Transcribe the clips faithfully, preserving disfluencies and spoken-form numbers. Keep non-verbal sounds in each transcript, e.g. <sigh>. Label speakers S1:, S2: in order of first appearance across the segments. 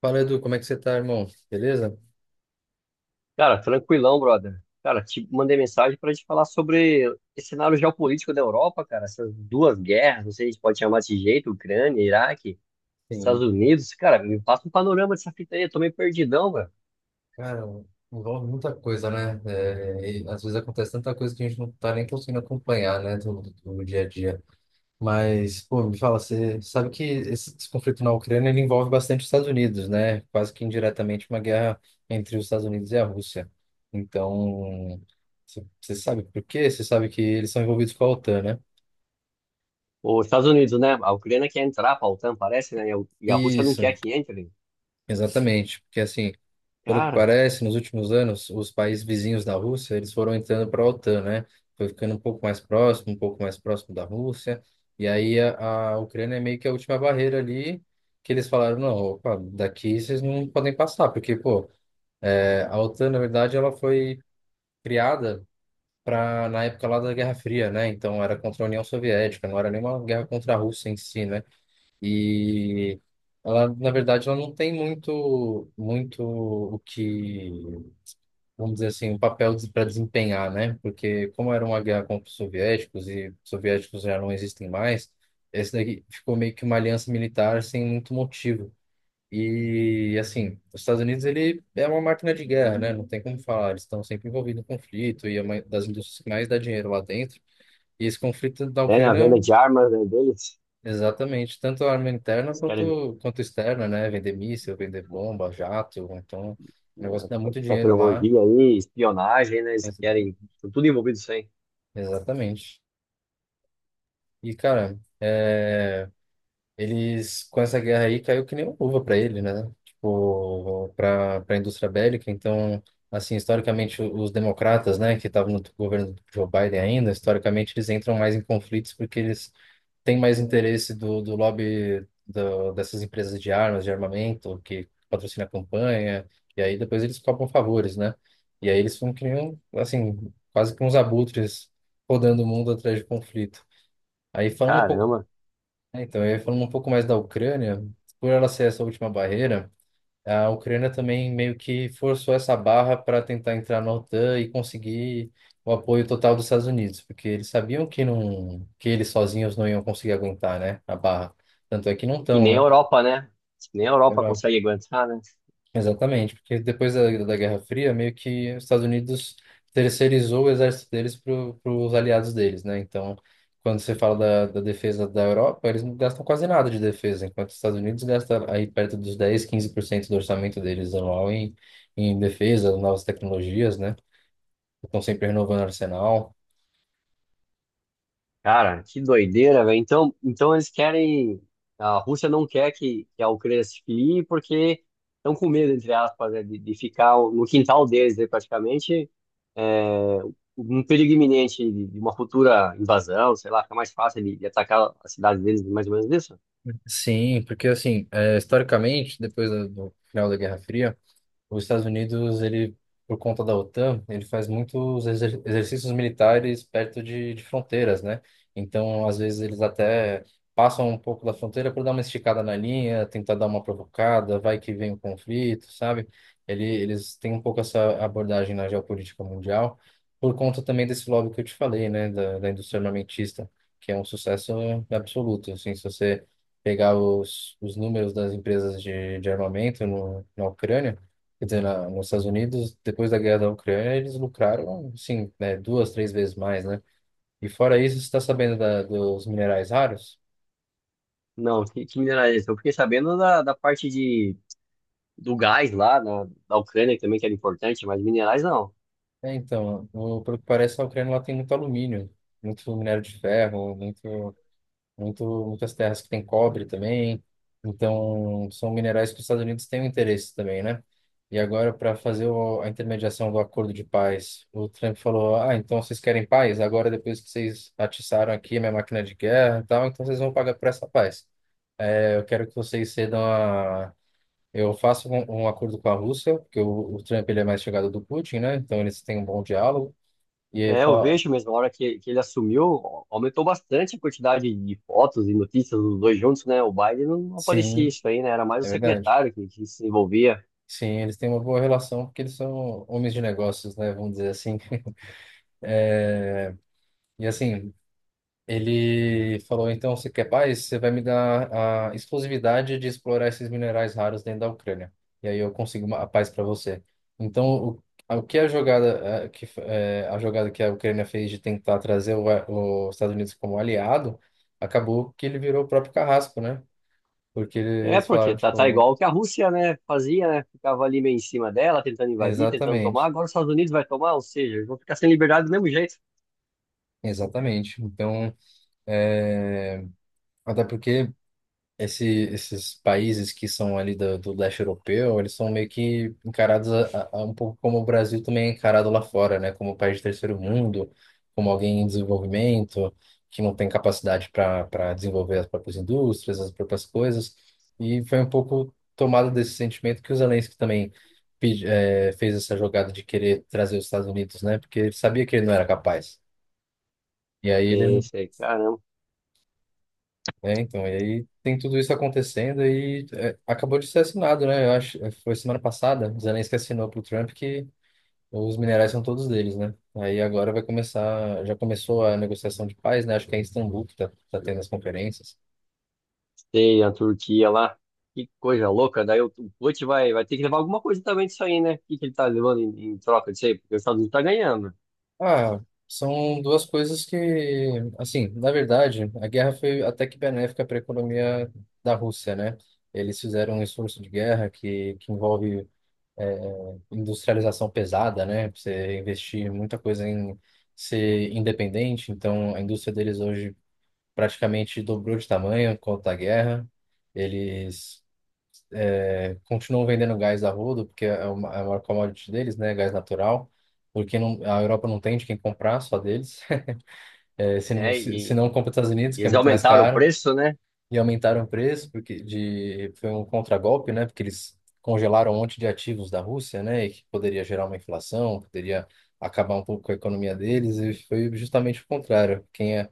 S1: Fala, Edu, como é que você tá, irmão? Beleza?
S2: Cara, tranquilão, brother. Cara, te mandei mensagem para gente falar sobre esse cenário geopolítico da Europa, cara. Essas duas guerras, não sei se a gente pode chamar desse jeito, Ucrânia, Iraque, Estados
S1: Sim,
S2: Unidos. Cara, me passa um panorama dessa fita aí, eu tô meio perdidão, velho.
S1: cara, envolve muita coisa, né? É, e às vezes acontece tanta coisa que a gente não tá nem conseguindo acompanhar, né, do, do dia a dia. Mas, pô, me fala, você sabe que esse, esse conflito na Ucrânia ele envolve bastante os Estados Unidos, né? Quase que indiretamente uma guerra entre os Estados Unidos e a Rússia. Então, você você sabe por quê? Você sabe que eles são envolvidos com a OTAN, né?
S2: Os Estados Unidos, né? A Ucrânia quer entrar pra OTAN, parece, né? E a e a Rússia não quer
S1: Isso,
S2: que entre.
S1: exatamente. Porque assim. Pelo que
S2: Cara,
S1: parece, nos últimos anos, os países vizinhos da Rússia, eles foram entrando para a OTAN, né? Foi ficando um pouco mais próximo, um pouco mais próximo da Rússia. E aí a, a Ucrânia é meio que a última barreira ali que eles falaram, não, opa, daqui vocês não podem passar, porque, pô, é, a OTAN, na verdade, ela foi criada para na época lá da Guerra Fria, né? Então era contra a União Soviética, não era nenhuma guerra contra a Rússia em si, né? E ela, na verdade, ela não tem muito, muito o que vamos dizer assim, um papel para desempenhar, né? Porque como era uma guerra contra os soviéticos e os soviéticos já não existem mais, esse daqui ficou meio que uma aliança militar sem muito motivo. E assim, os Estados Unidos ele é uma máquina de guerra, né? Não tem como falar, eles estão sempre envolvidos em conflito e é uma das indústrias que mais dá dinheiro lá dentro. E esse conflito da
S2: é, né? A venda
S1: Ucrânia,
S2: de armas, né, deles.
S1: exatamente, tanto a arma interna
S2: Eles querem,
S1: quanto, quanto externa, né? Vender míssil, vender bomba, jato, então, é um negócio que
S2: né,
S1: dá muito dinheiro lá.
S2: tecnologia aí, espionagem, né? Eles
S1: Ex-
S2: querem. Estão tudo envolvido isso aí.
S1: Exatamente. E, cara, é, eles, com essa guerra aí, caiu que nem uma luva pra ele, né? Tipo, pra, pra indústria bélica. Então, assim, historicamente, o- os democratas, né, que estavam no governo do Joe Biden ainda, historicamente, eles entram mais em conflitos porque eles têm mais interesse do, do lobby do, dessas empresas de armas, de armamento, que patrocina a campanha. E aí, depois eles cobram favores, né? E aí, eles ficam que nem, um- assim, quase que uns abutres rodando o mundo atrás de conflito. Aí, falando um pouco
S2: Caramba.
S1: é, então, eu ia falando um pouco mais da Ucrânia, por ela ser essa última barreira, a Ucrânia também meio que forçou essa barra para tentar entrar na OTAN e conseguir o apoio total dos Estados Unidos, porque eles sabiam que não, que eles sozinhos não iam conseguir aguentar, né, a barra. Tanto é que não
S2: E
S1: estão,
S2: nem a
S1: né?
S2: Europa, né? Nem a Europa consegue aguentar, né?
S1: Exatamente, porque depois da, da Guerra Fria, meio que os Estados Unidos terceirizou o exército deles para os aliados deles, né? Então, quando você fala da, da defesa da Europa, eles não gastam quase nada de defesa, enquanto os Estados Unidos gastam aí perto dos dez quinze por cento do orçamento deles anual em, em defesa, novas tecnologias, né? Estão sempre renovando o arsenal.
S2: Cara, que doideira, velho. Então, então eles querem. A Rússia não quer que, que a Ucrânia se filie porque estão com medo, entre aspas, né, de, de ficar no quintal deles, né, praticamente, é, um perigo iminente de, de uma futura invasão, sei lá, fica mais fácil de, de atacar a cidade deles, mais ou menos isso?
S1: Sim, porque assim, eh, historicamente, depois da- do final da Guerra Fria, os Estados Unidos, ele, por conta da OTAN, ele faz muitos exer exercícios militares perto de, de fronteiras, né? Então, às vezes, eles até passam um pouco da fronteira por dar uma esticada na linha, tentar dar uma provocada, vai que vem o conflito, sabe? Ele, eles têm um pouco essa abordagem na geopolítica mundial, por conta também desse lobby que eu te falei, né? Da, da indústria armamentista, que é um sucesso absoluto, assim, se você pegar os, os números das empresas de, de armamento no, na Ucrânia. Quer dizer, na, nos Estados Unidos, depois da guerra da Ucrânia, eles lucraram, sim, né, duas, três vezes mais, né? E fora isso, você está sabendo da, dos minerais raros?
S2: Não, que, que mineral é esse? Eu fiquei sabendo da, da parte de, do gás lá, na, da Ucrânia, que também que era importante, mas minerais não.
S1: É, então, o, pelo que parece, a Ucrânia lá tem muito alumínio, muito minério de ferro, muito. muito, muitas terras que tem cobre também. Então, são minerais que os Estados Unidos têm um interesse também, né? E agora, para fazer o, a intermediação do acordo de paz, o Trump falou: Ah, então vocês querem paz? Agora, depois que vocês atiçaram aqui a minha máquina de guerra e tal, então vocês vão pagar por essa paz. É, eu quero que vocês cedam a. Eu faço um, um acordo com a Rússia, porque o, o Trump ele é mais chegado do Putin, né? Então eles têm um bom diálogo. E ele
S2: É, eu
S1: fala:
S2: vejo mesmo, a hora que, que ele assumiu, aumentou bastante a quantidade de fotos e notícias dos dois juntos, né? O Biden não aparecia
S1: sim,
S2: isso aí, né? Era mais o
S1: é verdade.
S2: secretário que, que se envolvia.
S1: Sim, eles têm uma boa relação porque eles são homens de negócios, né? Vamos dizer assim. <laughs> E assim, ele falou: então, você quer paz? Você vai me dar a exclusividade de explorar esses minerais raros dentro da Ucrânia. E aí eu consigo uma, a paz para você. Então, o, a- o que a jogada, eh, que, f- eh, a jogada que a Ucrânia fez de tentar trazer o, o- os Estados Unidos como aliado, acabou que ele virou o próprio carrasco, né? Porque
S2: É,
S1: eles falaram,
S2: porque tá, tá
S1: tipo,
S2: igual o que a Rússia, né, fazia, né? Ficava ali meio em cima dela, tentando invadir, tentando tomar.
S1: exatamente,
S2: Agora os Estados Unidos vai tomar, ou seja, eles vão ficar sem liberdade do mesmo jeito.
S1: exatamente. Então, é, até porque. Esse, Esses países que são ali do, do leste europeu, eles são meio que encarados a, a- um pouco como o Brasil também é encarado lá fora, né? Como um país de terceiro mundo, como alguém em desenvolvimento, que não tem capacidade para para desenvolver as próprias indústrias, as próprias coisas. E foi um pouco tomado desse sentimento que o Zelensky também pedi, eh, fez essa jogada de querer trazer os Estados Unidos, né? Porque ele sabia que ele não era capaz. E aí
S2: Sei,
S1: ele
S2: sei, caramba.
S1: É, então, e aí tem tudo isso acontecendo e é, acabou de ser assinado, né? Eu acho, é, foi semana passada, o Zelensky assinou pro Trump que os minerais são todos deles, né? Aí agora vai começar, já começou a negociação de paz, né? Acho que é em Istambul que tá, tá tendo as conferências.
S2: Sei, a Turquia lá. Que coisa louca. Daí o, o Putin vai, vai ter que levar alguma coisa também disso aí, né? O que, que ele tá levando em, em troca disso aí? Porque os Estados Unidos tá ganhando.
S1: Ah, são duas coisas que, assim, na verdade, a guerra foi até que benéfica para a economia da Rússia, né? Eles fizeram um esforço de guerra que, que envolve é, industrialização pesada, né? Pra você investir muita coisa em ser independente. Então, a indústria deles hoje praticamente dobrou de tamanho por conta da guerra. Eles eh, continuam vendendo gás a rodo, porque é uma- é a maior commodity deles, né? Gás natural. Porque não, a Europa não tem de quem comprar, só deles. <laughs> Eh, se não,
S2: É,
S1: se, se
S2: e
S1: não compra os Estados Unidos, que é
S2: Eles
S1: muito mais
S2: aumentaram o
S1: caro.
S2: preço, né?
S1: E aumentaram o preço porque de foi um contragolpe, né? Porque eles congelaram um monte de ativos da Rússia, né? E que poderia gerar uma inflação, poderia acabar um pouco com a economia deles. E foi justamente o contrário. Quem é-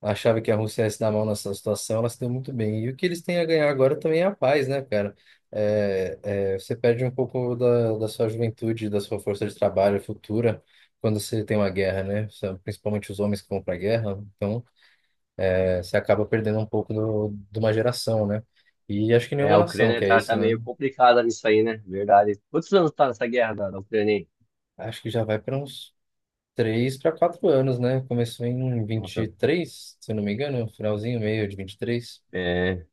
S1: Achava que a Rússia ia se dar mal nessa situação, ela se deu muito bem. E o que eles têm a ganhar agora também é a paz, né, cara? É, é, você perde um pouco da, da sua juventude, da sua força de trabalho futura quando você tem uma guerra, né? Principalmente os homens que vão para a guerra. Então, é, você acaba perdendo um pouco do, de uma geração, né? E acho que
S2: É,
S1: nenhuma
S2: a
S1: nação
S2: Ucrânia
S1: quer
S2: tá,
S1: isso,
S2: tá
S1: né?
S2: meio complicada nisso aí, né? Verdade. Quantos anos tá nessa guerra da, da Ucrânia aí?
S1: Acho que já vai para uns três para quatro anos, né? Começou em vinte e
S2: Nossa,
S1: três, se eu não me engano, finalzinho, meio de vinte e três.
S2: é,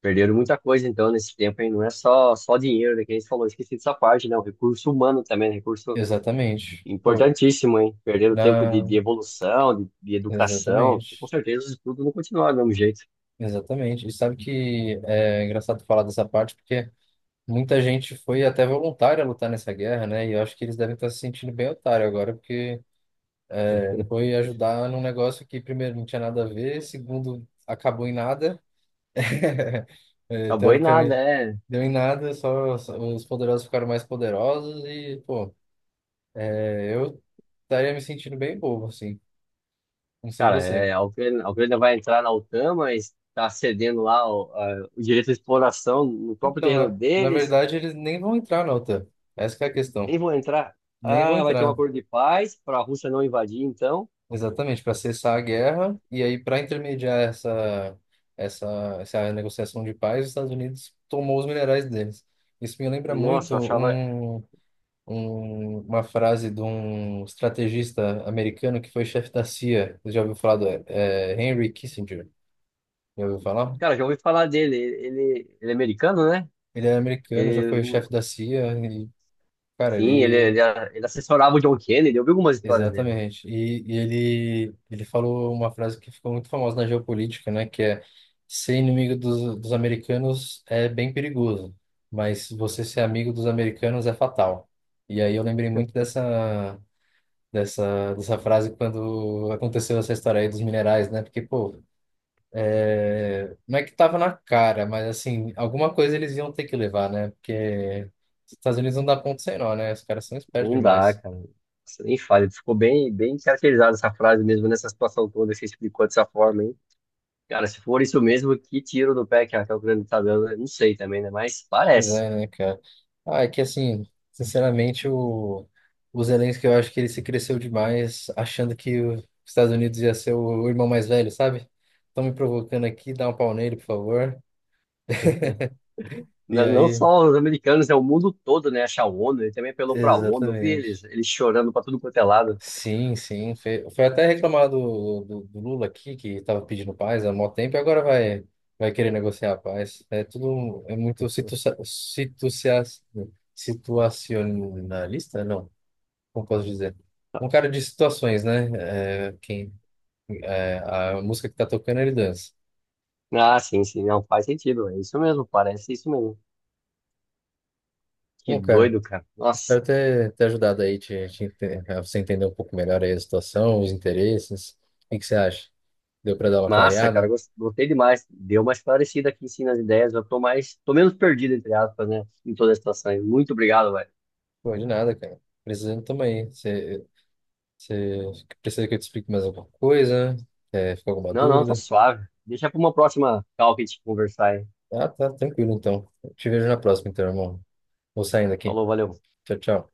S2: perderam muita coisa então nesse tempo aí. Não é só, só dinheiro, né? Que a gente falou, esqueci dessa parte, né? O recurso humano também, né? Recurso
S1: Exatamente. Pô,
S2: importantíssimo, hein? Perderam tempo de,
S1: na...
S2: de evolução, de, de educação. E, com
S1: exatamente.
S2: certeza, os estudos não continuaram do mesmo jeito.
S1: Exatamente. E sabe que é engraçado falar dessa parte, porque muita gente foi até voluntária lutar nessa guerra, né? E eu acho que eles devem estar se sentindo bem otário agora, porque
S2: <laughs>
S1: foi ajudar num negócio que, primeiro, não tinha nada a ver, segundo, acabou em nada. <laughs> É,
S2: Acabou em nada,
S1: teoricamente,
S2: é.
S1: deu em nada, só, só os poderosos ficaram mais poderosos e, pô, é, eu estaria me sentindo bem bobo, assim. Não sei
S2: Cara,
S1: você.
S2: é, a Ucrânia, a Ucrânia vai entrar na OTAN, mas está cedendo lá o, a- o direito de exploração no próprio
S1: Então,
S2: terreno
S1: na, na
S2: deles.
S1: verdade, eles nem vão entrar na OTAN. Essa que é a questão.
S2: Nem vão entrar.
S1: Nem vão
S2: Ah, vai ter um
S1: entrar.
S2: acordo de paz para a Rússia não invadir, então.
S1: Exatamente, para cessar a guerra e aí para intermediar essa, essa, essa negociação de paz, os Estados Unidos tomou os minerais deles. Isso me lembra muito
S2: Nossa, eu achava.
S1: um um- uma frase de um estrategista americano que foi chefe da C I A. Você já ouviu falar do é, Henry Kissinger? Já ouviu falar?
S2: Cara, já ouvi falar dele. Ele, ele é americano, né?
S1: Ele é americano, já
S2: Ele,
S1: foi chefe
S2: o-
S1: da C I A e, cara,
S2: sim, ele,
S1: ele...
S2: ele, ele assessorava o John Kennedy. Eu vi algumas histórias dele.
S1: Exatamente. E, e ele, ele falou uma frase que ficou muito famosa na geopolítica, né? Que é, ser inimigo dos, dos americanos é bem perigoso, mas você ser amigo dos americanos é fatal. E aí eu lembrei muito dessa dessa, dessa frase quando aconteceu essa história aí dos minerais, né? Porque, pô, é, não é que tava na cara, mas assim, alguma coisa eles iam ter que levar, né? Porque os Estados Unidos não dá ponto sem nó, né? Os caras são espertos
S2: Não dá,
S1: demais.
S2: cara. Nossa, nem fale. Ficou bem, bem caracterizada essa frase mesmo nessa situação toda. Você explicou dessa forma, hein? Cara, se for isso mesmo, que tiro no pé que a Raquel Grande tá dando, eu não sei também, né? Mas
S1: Pois
S2: parece.
S1: é, né, cara? Ah, é que assim, sinceramente, o, o Zelensky, eu acho que ele se cresceu demais achando que os Estados Unidos ia ser o irmão mais velho, sabe? Estão me provocando aqui, dá um pau nele, por favor. <laughs> E
S2: N- Não
S1: aí,
S2: só os americanos, é o mundo todo, né? Acha a ONU, ele também apelou pra ONU, eu vi
S1: exatamente.
S2: eles, eles chorando pra tudo quanto é lado.
S1: Sim, sim. Foi, foi até reclamar do, do, do Lula aqui, que estava pedindo paz há mó tempo, e agora vai, vai querer negociar a paz. É tudo um, é muito situa
S2: <laughs>
S1: situacia- situacionalista? Não, como posso dizer? Um cara de situações, né? É, quem, é, a música que tá tocando, ele dança.
S2: Ah, sim, sim, não faz sentido, é isso mesmo, parece isso mesmo. Que
S1: Bom, cara,
S2: doido, cara. Nossa,
S1: espero ter, ter ajudado aí, te, te ente- a você entender um pouco melhor aí a situação, os interesses. O que que você acha? Deu para dar uma
S2: massa, cara,
S1: clareada?
S2: gos- gostei demais. Deu uma esclarecida aqui em cima nas ideias, eu tô mais, tô menos perdido, entre aspas, né? Em toda a situação aí. Muito obrigado, velho.
S1: Pô, de nada, cara. Precisando também. Você precisa que eu te explique mais alguma coisa? É, ficou alguma
S2: Não, não, tá
S1: dúvida?
S2: suave. Deixa pra uma próxima call que a gente conversar aí.
S1: Ah, tá, tranquilo então. Eu te vejo na próxima, então, irmão. Vou saindo aqui.
S2: Falou, valeu.
S1: Tchau, tchau.